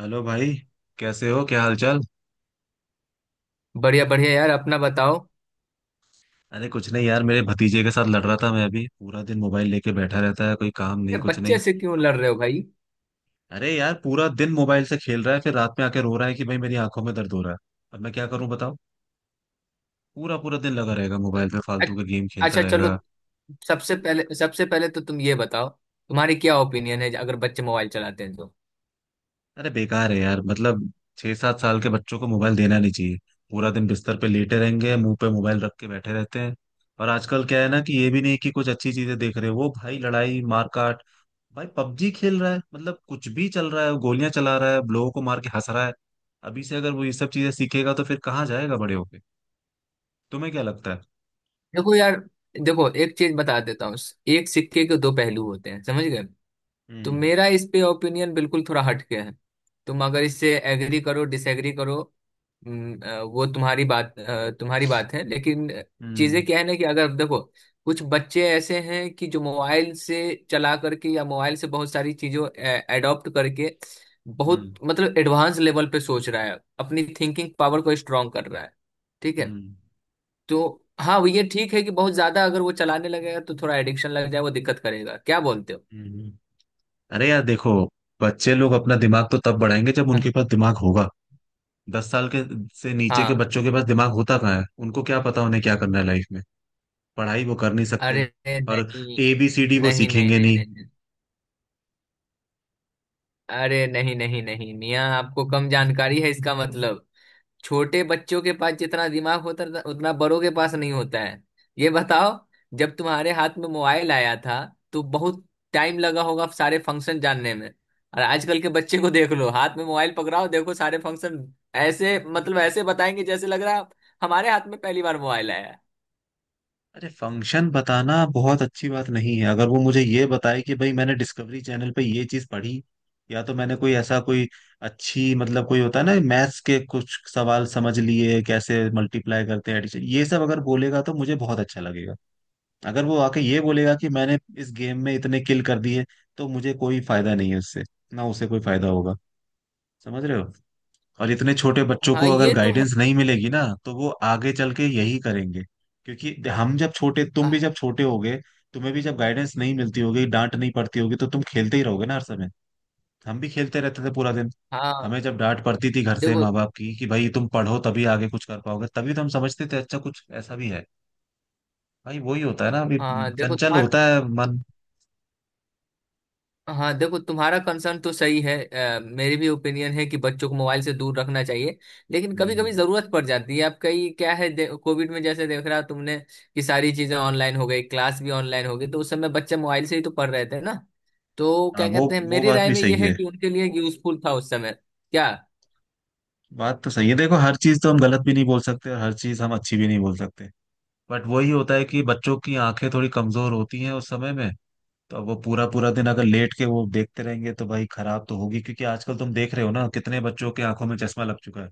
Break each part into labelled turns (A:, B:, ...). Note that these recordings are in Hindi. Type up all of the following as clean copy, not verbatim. A: हेलो भाई। कैसे हो, क्या हालचाल?
B: बढ़िया बढ़िया यार, अपना बताओ।
A: अरे कुछ नहीं यार, मेरे भतीजे के साथ लड़ रहा था मैं। अभी पूरा दिन मोबाइल लेके बैठा रहता है, कोई काम नहीं
B: ये
A: कुछ
B: बच्चे
A: नहीं।
B: से क्यों लड़ रहे हो भाई?
A: अरे यार पूरा दिन मोबाइल से खेल रहा है, फिर रात में आके रो रहा है कि भाई मेरी आंखों में दर्द हो रहा है। अब मैं क्या करूं बताओ। पूरा पूरा दिन लगा रहेगा मोबाइल पे, फालतू के
B: अच्छ-
A: गेम खेलता
B: अच्छा, चलो।
A: रहेगा।
B: सबसे पहले तो तुम ये बताओ, तुम्हारी क्या ओपिनियन है अगर बच्चे मोबाइल चलाते हैं तो?
A: अरे बेकार है यार मतलब। 6 7 साल के बच्चों को मोबाइल देना नहीं चाहिए। पूरा दिन बिस्तर पे लेटे रहेंगे, मुंह पे मोबाइल रख के बैठे रहते हैं। और आजकल क्या है ना, कि ये भी नहीं कि कुछ अच्छी चीजें देख रहे हो, वो भाई लड़ाई मारकाट। भाई पबजी खेल रहा है, मतलब कुछ भी चल रहा है, गोलियां चला रहा है, लोगों को मार के हंस रहा है। अभी से अगर वो ये सब चीजें सीखेगा तो फिर कहाँ जाएगा बड़े होके। तुम्हें क्या लगता है?
B: देखो यार, देखो एक चीज बता देता हूँ। एक सिक्के के दो पहलू होते हैं, समझ गए? तो
A: हम्म।
B: मेरा इस पे ओपिनियन बिल्कुल थोड़ा हटके है। तुम अगर इससे एग्री करो डिसएग्री करो। अ, वो तुम्हारी बात अ, तुम्हारी बात है, लेकिन चीजें
A: हम्म।
B: क्या है ना कि अगर देखो कुछ बच्चे ऐसे हैं कि जो मोबाइल से चला करके या मोबाइल से बहुत सारी चीजों एडॉप्ट करके बहुत
A: हम्म।
B: मतलब एडवांस लेवल पे सोच रहा है, अपनी थिंकिंग पावर को स्ट्रांग कर रहा है। ठीक है।
A: हम्म।
B: तो हाँ, वो ये ठीक है कि बहुत ज्यादा अगर वो चलाने लगेगा तो थोड़ा एडिक्शन लग जाए, वो दिक्कत करेगा, क्या बोलते हो?
A: हम्म। अरे यार देखो, बच्चे लोग अपना दिमाग तो तब बढ़ाएंगे जब उनके पास दिमाग होगा। 10 साल के से नीचे के
B: हाँ।
A: बच्चों के पास दिमाग होता कहाँ है, उनको क्या पता उन्हें क्या करना है लाइफ में। पढ़ाई वो कर नहीं सकते।
B: अरे
A: और
B: नहीं
A: ए बी सी डी वो
B: नहीं नहीं
A: सीखेंगे
B: नहीं
A: नहीं।
B: नहीं नहीं। अरे नहीं नहीं नहीं मियाँ, आपको कम जानकारी है इसका मतलब। छोटे बच्चों के पास जितना दिमाग होता है उतना बड़ों के पास नहीं होता है। ये बताओ, जब तुम्हारे हाथ में मोबाइल आया था तो बहुत टाइम लगा होगा सारे फंक्शन जानने में। और आजकल के बच्चे को देख लो, हाथ में मोबाइल पकड़ाओ, देखो सारे फंक्शन ऐसे मतलब ऐसे बताएंगे जैसे लग रहा है हमारे हाथ में पहली बार मोबाइल आया है।
A: अरे फंक्शन बताना बहुत अच्छी बात नहीं है, अगर वो मुझे ये बताए कि भाई मैंने डिस्कवरी चैनल पे ये चीज पढ़ी, या तो मैंने कोई ऐसा कोई अच्छी मतलब कोई होता है ना मैथ्स के कुछ सवाल समझ लिए, कैसे मल्टीप्लाई करते हैं addition, ये सब अगर बोलेगा तो मुझे बहुत अच्छा लगेगा। अगर वो आके ये बोलेगा कि मैंने इस गेम में इतने किल कर दिए, तो मुझे कोई फायदा नहीं है उससे। ना उसे कोई फायदा होगा। समझ रहे हो? और इतने छोटे बच्चों
B: हाँ,
A: को अगर
B: ये तो है।
A: गाइडेंस नहीं मिलेगी ना, तो वो आगे चल के यही करेंगे। क्योंकि हम जब छोटे, तुम भी
B: आह,
A: जब छोटे होगे, तुम्हें भी जब गाइडेंस नहीं मिलती होगी, डांट नहीं पड़ती होगी, तो तुम खेलते ही रहोगे ना हर समय। हम भी खेलते रहते थे पूरा दिन।
B: हाँ
A: हमें जब डांट पड़ती थी घर से
B: देखो।
A: माँ बाप की कि भाई तुम पढ़ो तभी आगे कुछ कर पाओगे, तभी तो हम समझते थे अच्छा कुछ ऐसा भी है। भाई वही होता है ना अभी।
B: हाँ देखो
A: चंचल
B: तुम्हारा।
A: होता है मन।
B: हाँ देखो, तुम्हारा कंसर्न तो सही है। मेरी भी ओपिनियन है कि बच्चों को मोबाइल से दूर रखना चाहिए, लेकिन कभी कभी
A: हम्म।
B: जरूरत पड़ जाती है। अब कई क्या है, कोविड में जैसे देख रहा तुमने कि सारी चीजें ऑनलाइन हो गई, क्लास भी ऑनलाइन हो गई, तो उस समय बच्चे मोबाइल से ही तो पढ़ रहे थे ना? तो
A: हाँ,
B: क्या
A: वो
B: कहते हैं,
A: वो
B: मेरी
A: बात
B: राय
A: भी
B: में
A: सही
B: यह है
A: है।
B: कि उनके लिए यूजफुल था उस समय। क्या?
A: बात तो सही है, देखो हर चीज तो हम गलत भी नहीं बोल सकते और हर चीज हम अच्छी भी नहीं बोल सकते। बट वही होता है कि बच्चों की आंखें थोड़ी कमजोर होती हैं उस समय में। तो अब वो पूरा पूरा दिन अगर लेट के वो देखते रहेंगे तो भाई खराब तो होगी, क्योंकि आजकल तुम देख रहे हो ना कितने बच्चों के आंखों में चश्मा लग चुका है।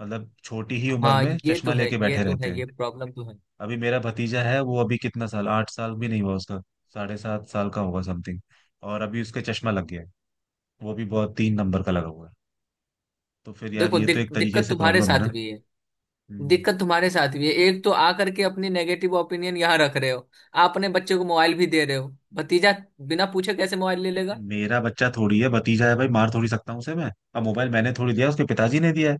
A: मतलब छोटी ही उम्र
B: हाँ,
A: में
B: ये
A: चश्मा
B: तो है,
A: लेके
B: ये
A: बैठे
B: तो
A: रहते
B: है,
A: हैं।
B: ये प्रॉब्लम तो है।
A: अभी मेरा भतीजा है, वो अभी कितना साल, 8 साल भी नहीं हुआ उसका। साढ़े सात साल का होगा समथिंग। और अभी उसके चश्मा लग गया है। वो भी बहुत 3 नंबर का लगा हुआ है। तो फिर यार
B: देखो
A: ये तो एक तरीके
B: दिक्कत
A: से
B: तुम्हारे
A: प्रॉब्लम है
B: साथ
A: ना।
B: भी है।
A: हम्म।
B: दिक्कत तुम्हारे साथ भी है, एक तो आ करके अपनी नेगेटिव ओपिनियन यहाँ रख रहे हो। आप अपने बच्चे को मोबाइल भी दे रहे हो, भतीजा बिना पूछे कैसे मोबाइल ले लेगा?
A: मेरा बच्चा थोड़ी है, भतीजा है भाई, मार थोड़ी सकता हूँ उसे मैं। अब मोबाइल मैंने थोड़ी दिया, उसके पिताजी ने दिया है।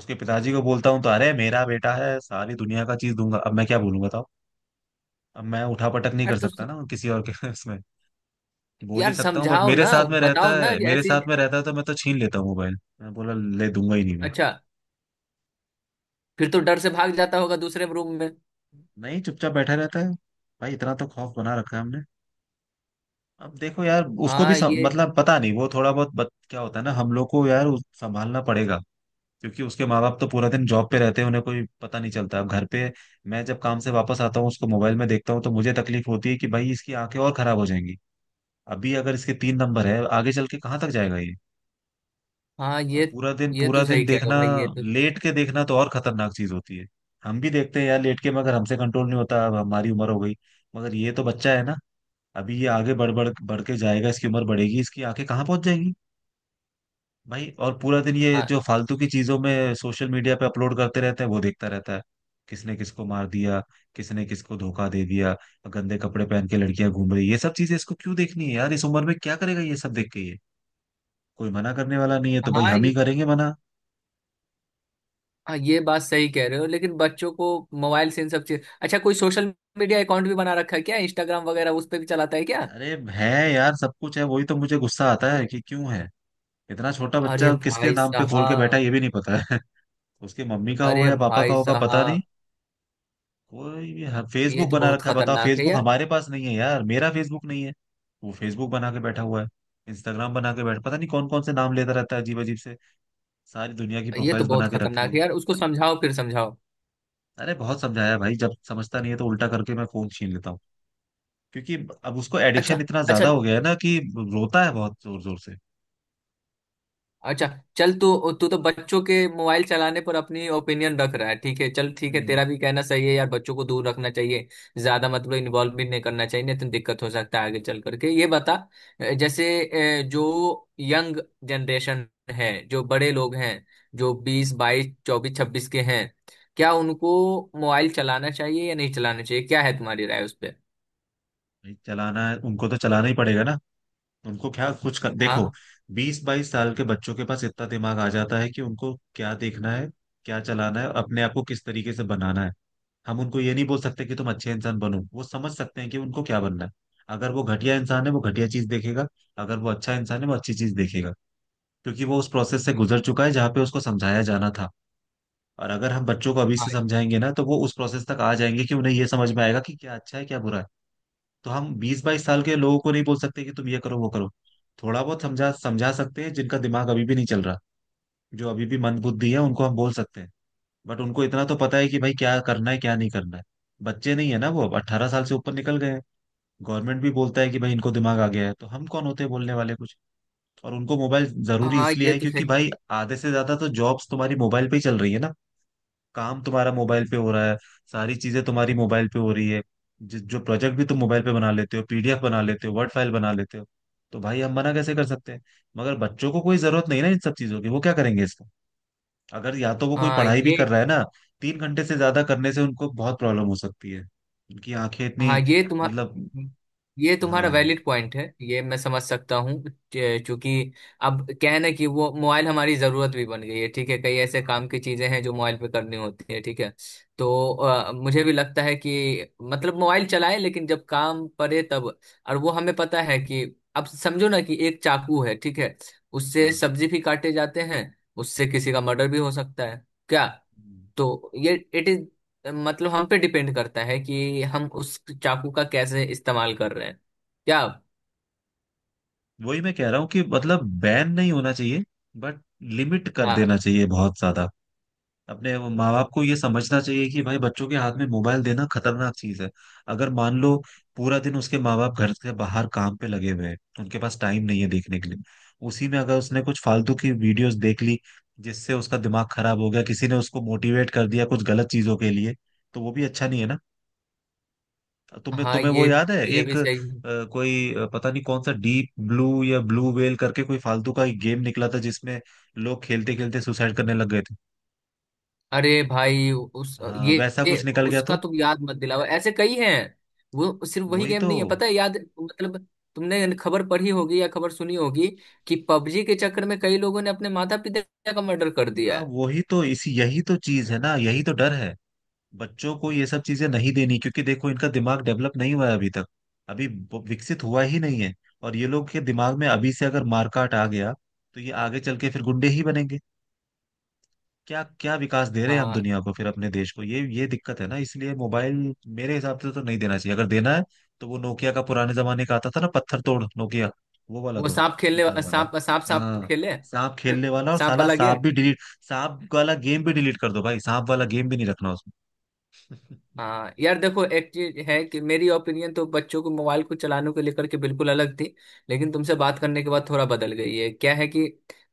A: उसके पिताजी को बोलता हूँ तो अरे मेरा बेटा है, सारी दुनिया का चीज दूंगा, अब मैं क्या बोलूंगा बताओ। अब मैं उठा पटक नहीं
B: यार
A: कर
B: तो।
A: सकता ना किसी और के उसमें। बोल ही
B: यार
A: सकता हूँ। बट
B: समझाओ
A: मेरे
B: ना,
A: साथ में रहता
B: बताओ ना
A: है,
B: ये
A: मेरे
B: ऐसी।
A: साथ में रहता है तो मैं तो छीन लेता हूँ मोबाइल, मैं बोला ले दूंगा ही नहीं मैं।
B: अच्छा, फिर तो डर से भाग जाता होगा दूसरे रूम में।
A: नहीं, चुपचाप बैठा रहता है। भाई इतना तो खौफ बना रखा है हमने। अब देखो यार, उसको भी
B: हाँ ये।
A: मतलब पता नहीं, वो थोड़ा बहुत क्या होता है ना हम लोग को, यार संभालना पड़ेगा। क्योंकि उसके माँ बाप तो पूरा दिन जॉब पे रहते हैं, उन्हें कोई पता नहीं चलता अब घर पे। मैं जब काम से वापस आता हूँ उसको मोबाइल में देखता हूँ तो मुझे तकलीफ होती है कि भाई इसकी आंखें और खराब हो जाएंगी। अभी अगर इसके 3 नंबर है, आगे चल के कहाँ तक जाएगा ये।
B: हाँ, ये
A: अब
B: ये
A: पूरा
B: तो
A: दिन
B: सही कह रहे हो
A: देखना,
B: भाई, ये तो।
A: लेट के देखना तो और खतरनाक चीज होती है। हम भी देखते हैं यार लेट के, मगर हमसे कंट्रोल नहीं होता, अब हमारी उम्र हो गई। मगर ये तो बच्चा है ना। अभी ये आगे बढ़ बढ़ बढ़ के जाएगा, इसकी उम्र बढ़ेगी, इसकी आंखें कहाँ पहुंच जाएंगी। भाई और पूरा दिन ये
B: हाँ।
A: जो फालतू की चीजों में सोशल मीडिया पे अपलोड करते रहते हैं वो देखता रहता है। किसने किसको मार दिया, किसने किसको धोखा दे दिया, गंदे कपड़े पहन के लड़कियां घूम रही, ये सब चीजें इसको क्यों देखनी है यार इस उम्र में? क्या करेगा ये सब देख के ये। कोई मना करने वाला नहीं है तो भाई
B: हाँ
A: हम
B: ये।
A: ही करेंगे मना।
B: हाँ, ये बात सही कह रहे हो, लेकिन बच्चों को मोबाइल से इन सब चीज। अच्छा, कोई सोशल मीडिया अकाउंट भी बना रखा है क्या? इंस्टाग्राम वगैरह उस पर भी चलाता है क्या?
A: अरे है यार सब कुछ है, वही तो मुझे गुस्सा आता है कि क्यों है। इतना छोटा
B: अरे
A: बच्चा किसके
B: भाई
A: नाम पे खोल के बैठा है
B: साहब।
A: ये भी नहीं पता है। उसके मम्मी का
B: अरे
A: होगा या पापा का
B: भाई
A: होगा पता नहीं।
B: साहब,
A: कोई भी।
B: ये
A: फेसबुक
B: तो
A: बना
B: बहुत
A: रखा है बताओ,
B: खतरनाक है
A: फेसबुक
B: यार।
A: हमारे पास नहीं है यार, मेरा फेसबुक नहीं है। वो फेसबुक बना के बैठा हुआ है। इंस्टाग्राम बना के बैठ, पता नहीं कौन कौन से नाम लेता रहता है अजीब अजीब से। सारी दुनिया की
B: ये तो
A: प्रोफाइल्स बना
B: बहुत
A: के रखी
B: खतरनाक
A: है।
B: है यार, उसको समझाओ, फिर समझाओ।
A: अरे बहुत समझाया भाई, जब समझता नहीं है तो उल्टा करके मैं फोन छीन लेता हूँ। क्योंकि अब उसको एडिक्शन
B: अच्छा।
A: इतना
B: अच्छा।
A: ज्यादा हो गया है ना कि रोता है बहुत जोर जोर से।
B: अच्छा, चल, तू तू तो बच्चों के मोबाइल चलाने पर अपनी ओपिनियन रख रहा है। ठीक है, चल, ठीक है,
A: हम्म।
B: तेरा भी कहना सही है यार, बच्चों को दूर रखना चाहिए। ज्यादा मतलब इन्वॉल्व भी नहीं करना चाहिए, नहीं तो दिक्कत हो सकता है आगे चल करके। ये बता, जैसे जो यंग जनरेशन है, जो बड़े लोग हैं, जो 20 22 24 26 के हैं, क्या उनको मोबाइल चलाना चाहिए या नहीं चलाना चाहिए, क्या है तुम्हारी राय उस पर?
A: भाई चलाना है उनको तो चलाना ही पड़ेगा ना। उनको क्या कुछ देखो,
B: हाँ।
A: बीस बाईस साल के बच्चों के पास इतना दिमाग आ जाता है कि उनको क्या देखना है, क्या चलाना है, अपने आप को किस तरीके से बनाना है। हम उनको ये नहीं बोल सकते कि तुम अच्छे इंसान बनो, वो समझ सकते हैं कि उनको क्या बनना है। अगर वो घटिया इंसान है वो घटिया चीज देखेगा। अगर वो अच्छा इंसान है वो अच्छी चीज देखेगा। क्योंकि वो उस प्रोसेस से गुजर चुका है जहाँ पे उसको समझाया जाना था। और अगर हम बच्चों को अभी
B: हाँ।
A: से समझाएंगे ना, तो वो उस प्रोसेस तक आ जाएंगे कि उन्हें ये समझ में आएगा कि क्या अच्छा है क्या बुरा है। तो हम 20 22 साल के लोगों को नहीं बोल सकते कि तुम ये करो वो करो। थोड़ा बहुत समझा समझा सकते हैं, जिनका दिमाग अभी भी नहीं चल रहा, जो अभी भी मंद बुद्धि है उनको हम बोल सकते हैं। बट उनको इतना तो पता है कि भाई क्या करना है क्या नहीं करना है। बच्चे नहीं है ना वो, अब 18 साल से ऊपर निकल गए हैं। गवर्नमेंट भी बोलता है कि भाई इनको दिमाग आ गया है, तो हम कौन होते हैं बोलने वाले कुछ। और उनको मोबाइल जरूरी
B: हाँ,
A: इसलिए
B: ये
A: है
B: तो
A: क्योंकि
B: सही।
A: भाई आधे से ज्यादा तो जॉब्स तुम्हारी मोबाइल पे ही चल रही है ना। काम तुम्हारा मोबाइल पे हो रहा है। सारी चीजें तुम्हारी मोबाइल पे हो रही है। जो प्रोजेक्ट भी तुम मोबाइल पे बना लेते हो, पीडीएफ बना लेते हो, वर्ड फाइल बना लेते हो। तो भाई हम मना कैसे कर सकते हैं। मगर बच्चों को कोई जरूरत नहीं ना इन सब चीजों की, वो क्या करेंगे इसका। अगर या तो वो कोई
B: हाँ
A: पढ़ाई भी
B: ये।
A: कर रहा है ना, 3 घंटे से ज्यादा करने से उनको बहुत प्रॉब्लम हो सकती है। उनकी आंखें
B: हाँ,
A: इतनी, मतलब।
B: ये तुम्हारा
A: हाँ।
B: वैलिड पॉइंट है, ये मैं समझ सकता हूँ। चूंकि अब क्या है ना कि वो मोबाइल हमारी जरूरत भी बन गई है। ठीक है, कई ऐसे
A: हाँ।
B: काम की चीजें हैं जो मोबाइल पे करनी होती है। ठीक है, तो मुझे भी लगता है कि मतलब मोबाइल चलाए लेकिन जब काम पड़े तब। और वो हमें पता है कि अब समझो ना कि एक चाकू है, ठीक है, उससे
A: हाँ।
B: सब्जी भी काटे जाते हैं, उससे किसी का मर्डर भी हो सकता है क्या? तो ये इट इज मतलब हम पे डिपेंड करता है कि हम उस चाकू का कैसे इस्तेमाल कर रहे हैं। क्या?
A: वही मैं कह रहा हूँ कि मतलब बैन नहीं होना चाहिए, बट लिमिट कर
B: हाँ।
A: देना चाहिए बहुत ज्यादा। अपने वो माँ बाप को ये समझना चाहिए कि भाई बच्चों के हाथ में मोबाइल देना खतरनाक चीज है। अगर मान लो पूरा दिन उसके माँ बाप घर से बाहर काम पे लगे हुए हैं, उनके पास टाइम नहीं है देखने के लिए, उसी में अगर उसने कुछ फालतू की वीडियोस देख ली जिससे उसका दिमाग खराब हो गया, किसी ने उसको मोटिवेट कर दिया कुछ गलत चीजों के लिए, तो वो भी अच्छा नहीं है ना। तुम्हें
B: हाँ,
A: तुम्हें वो
B: ये
A: याद है,
B: ये
A: एक
B: भी सही है।
A: कोई पता नहीं कौन सा डीप ब्लू या ब्लू वेल करके कोई फालतू का एक गेम निकला था, जिसमें लोग खेलते खेलते सुसाइड करने लग गए थे।
B: अरे भाई,
A: हाँ वैसा
B: ये
A: कुछ निकल गया
B: उसका
A: तो।
B: तुम याद मत दिलाओ, ऐसे कई हैं। वो सिर्फ वही
A: वही
B: गेम
A: तो।
B: नहीं है, पता है, याद मतलब तुमने खबर पढ़ी होगी या खबर सुनी होगी कि पबजी के चक्कर में कई लोगों ने अपने माता पिता का मर्डर कर दिया
A: हाँ
B: है।
A: वही तो, इसी यही तो चीज है ना, यही तो डर है। बच्चों को ये सब चीजें नहीं देनी क्योंकि देखो इनका दिमाग डेवलप नहीं हुआ है अभी तक, अभी विकसित हुआ ही नहीं है। और ये लोग के दिमाग में अभी से अगर मारकाट आ गया, तो ये आगे चल के फिर गुंडे ही बनेंगे। क्या क्या विकास दे रहे हैं हम
B: हाँ।
A: दुनिया को फिर अपने देश को, ये दिक्कत है ना, इसलिए मोबाइल मेरे हिसाब से तो नहीं देना चाहिए। अगर देना है तो वो नोकिया का पुराने जमाने का आता था ना पत्थर तोड़ नोकिया, वो वाला
B: वो
A: दो,
B: सांप
A: कीपैड
B: खेलने
A: वाला।
B: सांप सांप सांप
A: हाँ
B: खेले।
A: सांप खेलने वाला, और
B: सांप
A: साला
B: वाला गेम।
A: सांप भी डिलीट। सांप वाला गेम भी डिलीट कर दो भाई, सांप वाला गेम भी नहीं रखना उसमें।
B: हाँ यार देखो, एक चीज है कि मेरी ओपिनियन तो बच्चों को मोबाइल को चलाने को लेकर के बिल्कुल अलग थी, लेकिन तुमसे बात करने के बाद थोड़ा बदल गई है। क्या है कि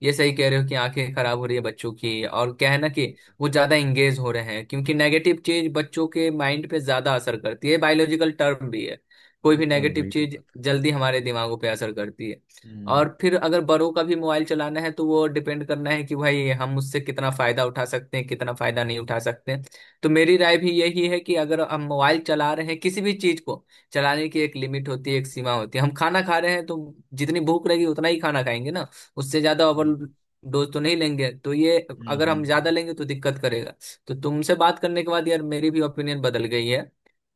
B: ये सही कह रहे हो कि आंखें खराब हो रही है बच्चों की, और क्या है ना कि
A: वही तो।
B: वो ज्यादा इंगेज हो रहे हैं, क्योंकि नेगेटिव चीज बच्चों के माइंड पे ज्यादा असर करती है, बायोलॉजिकल टर्म भी है। कोई
A: वो
B: भी
A: तो है,
B: नेगेटिव
A: वही तो
B: चीज
A: बात है।
B: जल्दी हमारे दिमागों पे असर करती है।
A: हम्म।
B: और फिर अगर बड़ों का भी मोबाइल चलाना है तो वो डिपेंड करना है कि भाई हम उससे कितना फायदा उठा सकते हैं, कितना फायदा नहीं उठा सकते। तो मेरी राय भी यही है कि अगर हम मोबाइल चला रहे हैं, किसी भी चीज को चलाने की एक लिमिट होती है, एक सीमा होती है। हम खाना खा रहे हैं तो जितनी भूख रहेगी उतना ही खाना खाएंगे ना, उससे ज्यादा
A: वही
B: ओवर
A: तो।
B: डोज तो नहीं लेंगे, तो ये
A: हम्म।
B: अगर हम ज्यादा
A: हम्म।
B: लेंगे तो दिक्कत करेगा। तो तुमसे बात करने के बाद यार मेरी भी ओपिनियन बदल गई है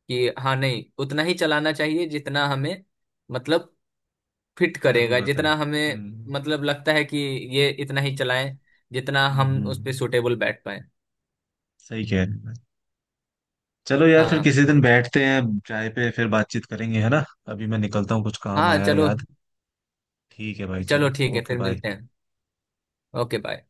B: कि हाँ नहीं, उतना ही चलाना चाहिए जितना हमें मतलब फिट करेगा,
A: जरूरत है।
B: जितना हमें
A: हम्म।
B: मतलब लगता है कि ये इतना ही चलाएं, जितना
A: हम्म
B: हम
A: हम्म,
B: उस पे
A: हम्म,
B: सुटेबल बैठ पाए।
A: सही कह रहे हैं। चलो यार फिर
B: हाँ।
A: किसी दिन बैठते हैं, चाय पे फिर बातचीत करेंगे है ना। अभी मैं निकलता हूँ, कुछ काम
B: हाँ,
A: आया है
B: चलो।
A: याद। ठीक है भाई
B: चलो,
A: चलो,
B: ठीक है,
A: ओके
B: फिर
A: बाय।
B: मिलते हैं। Okay bye.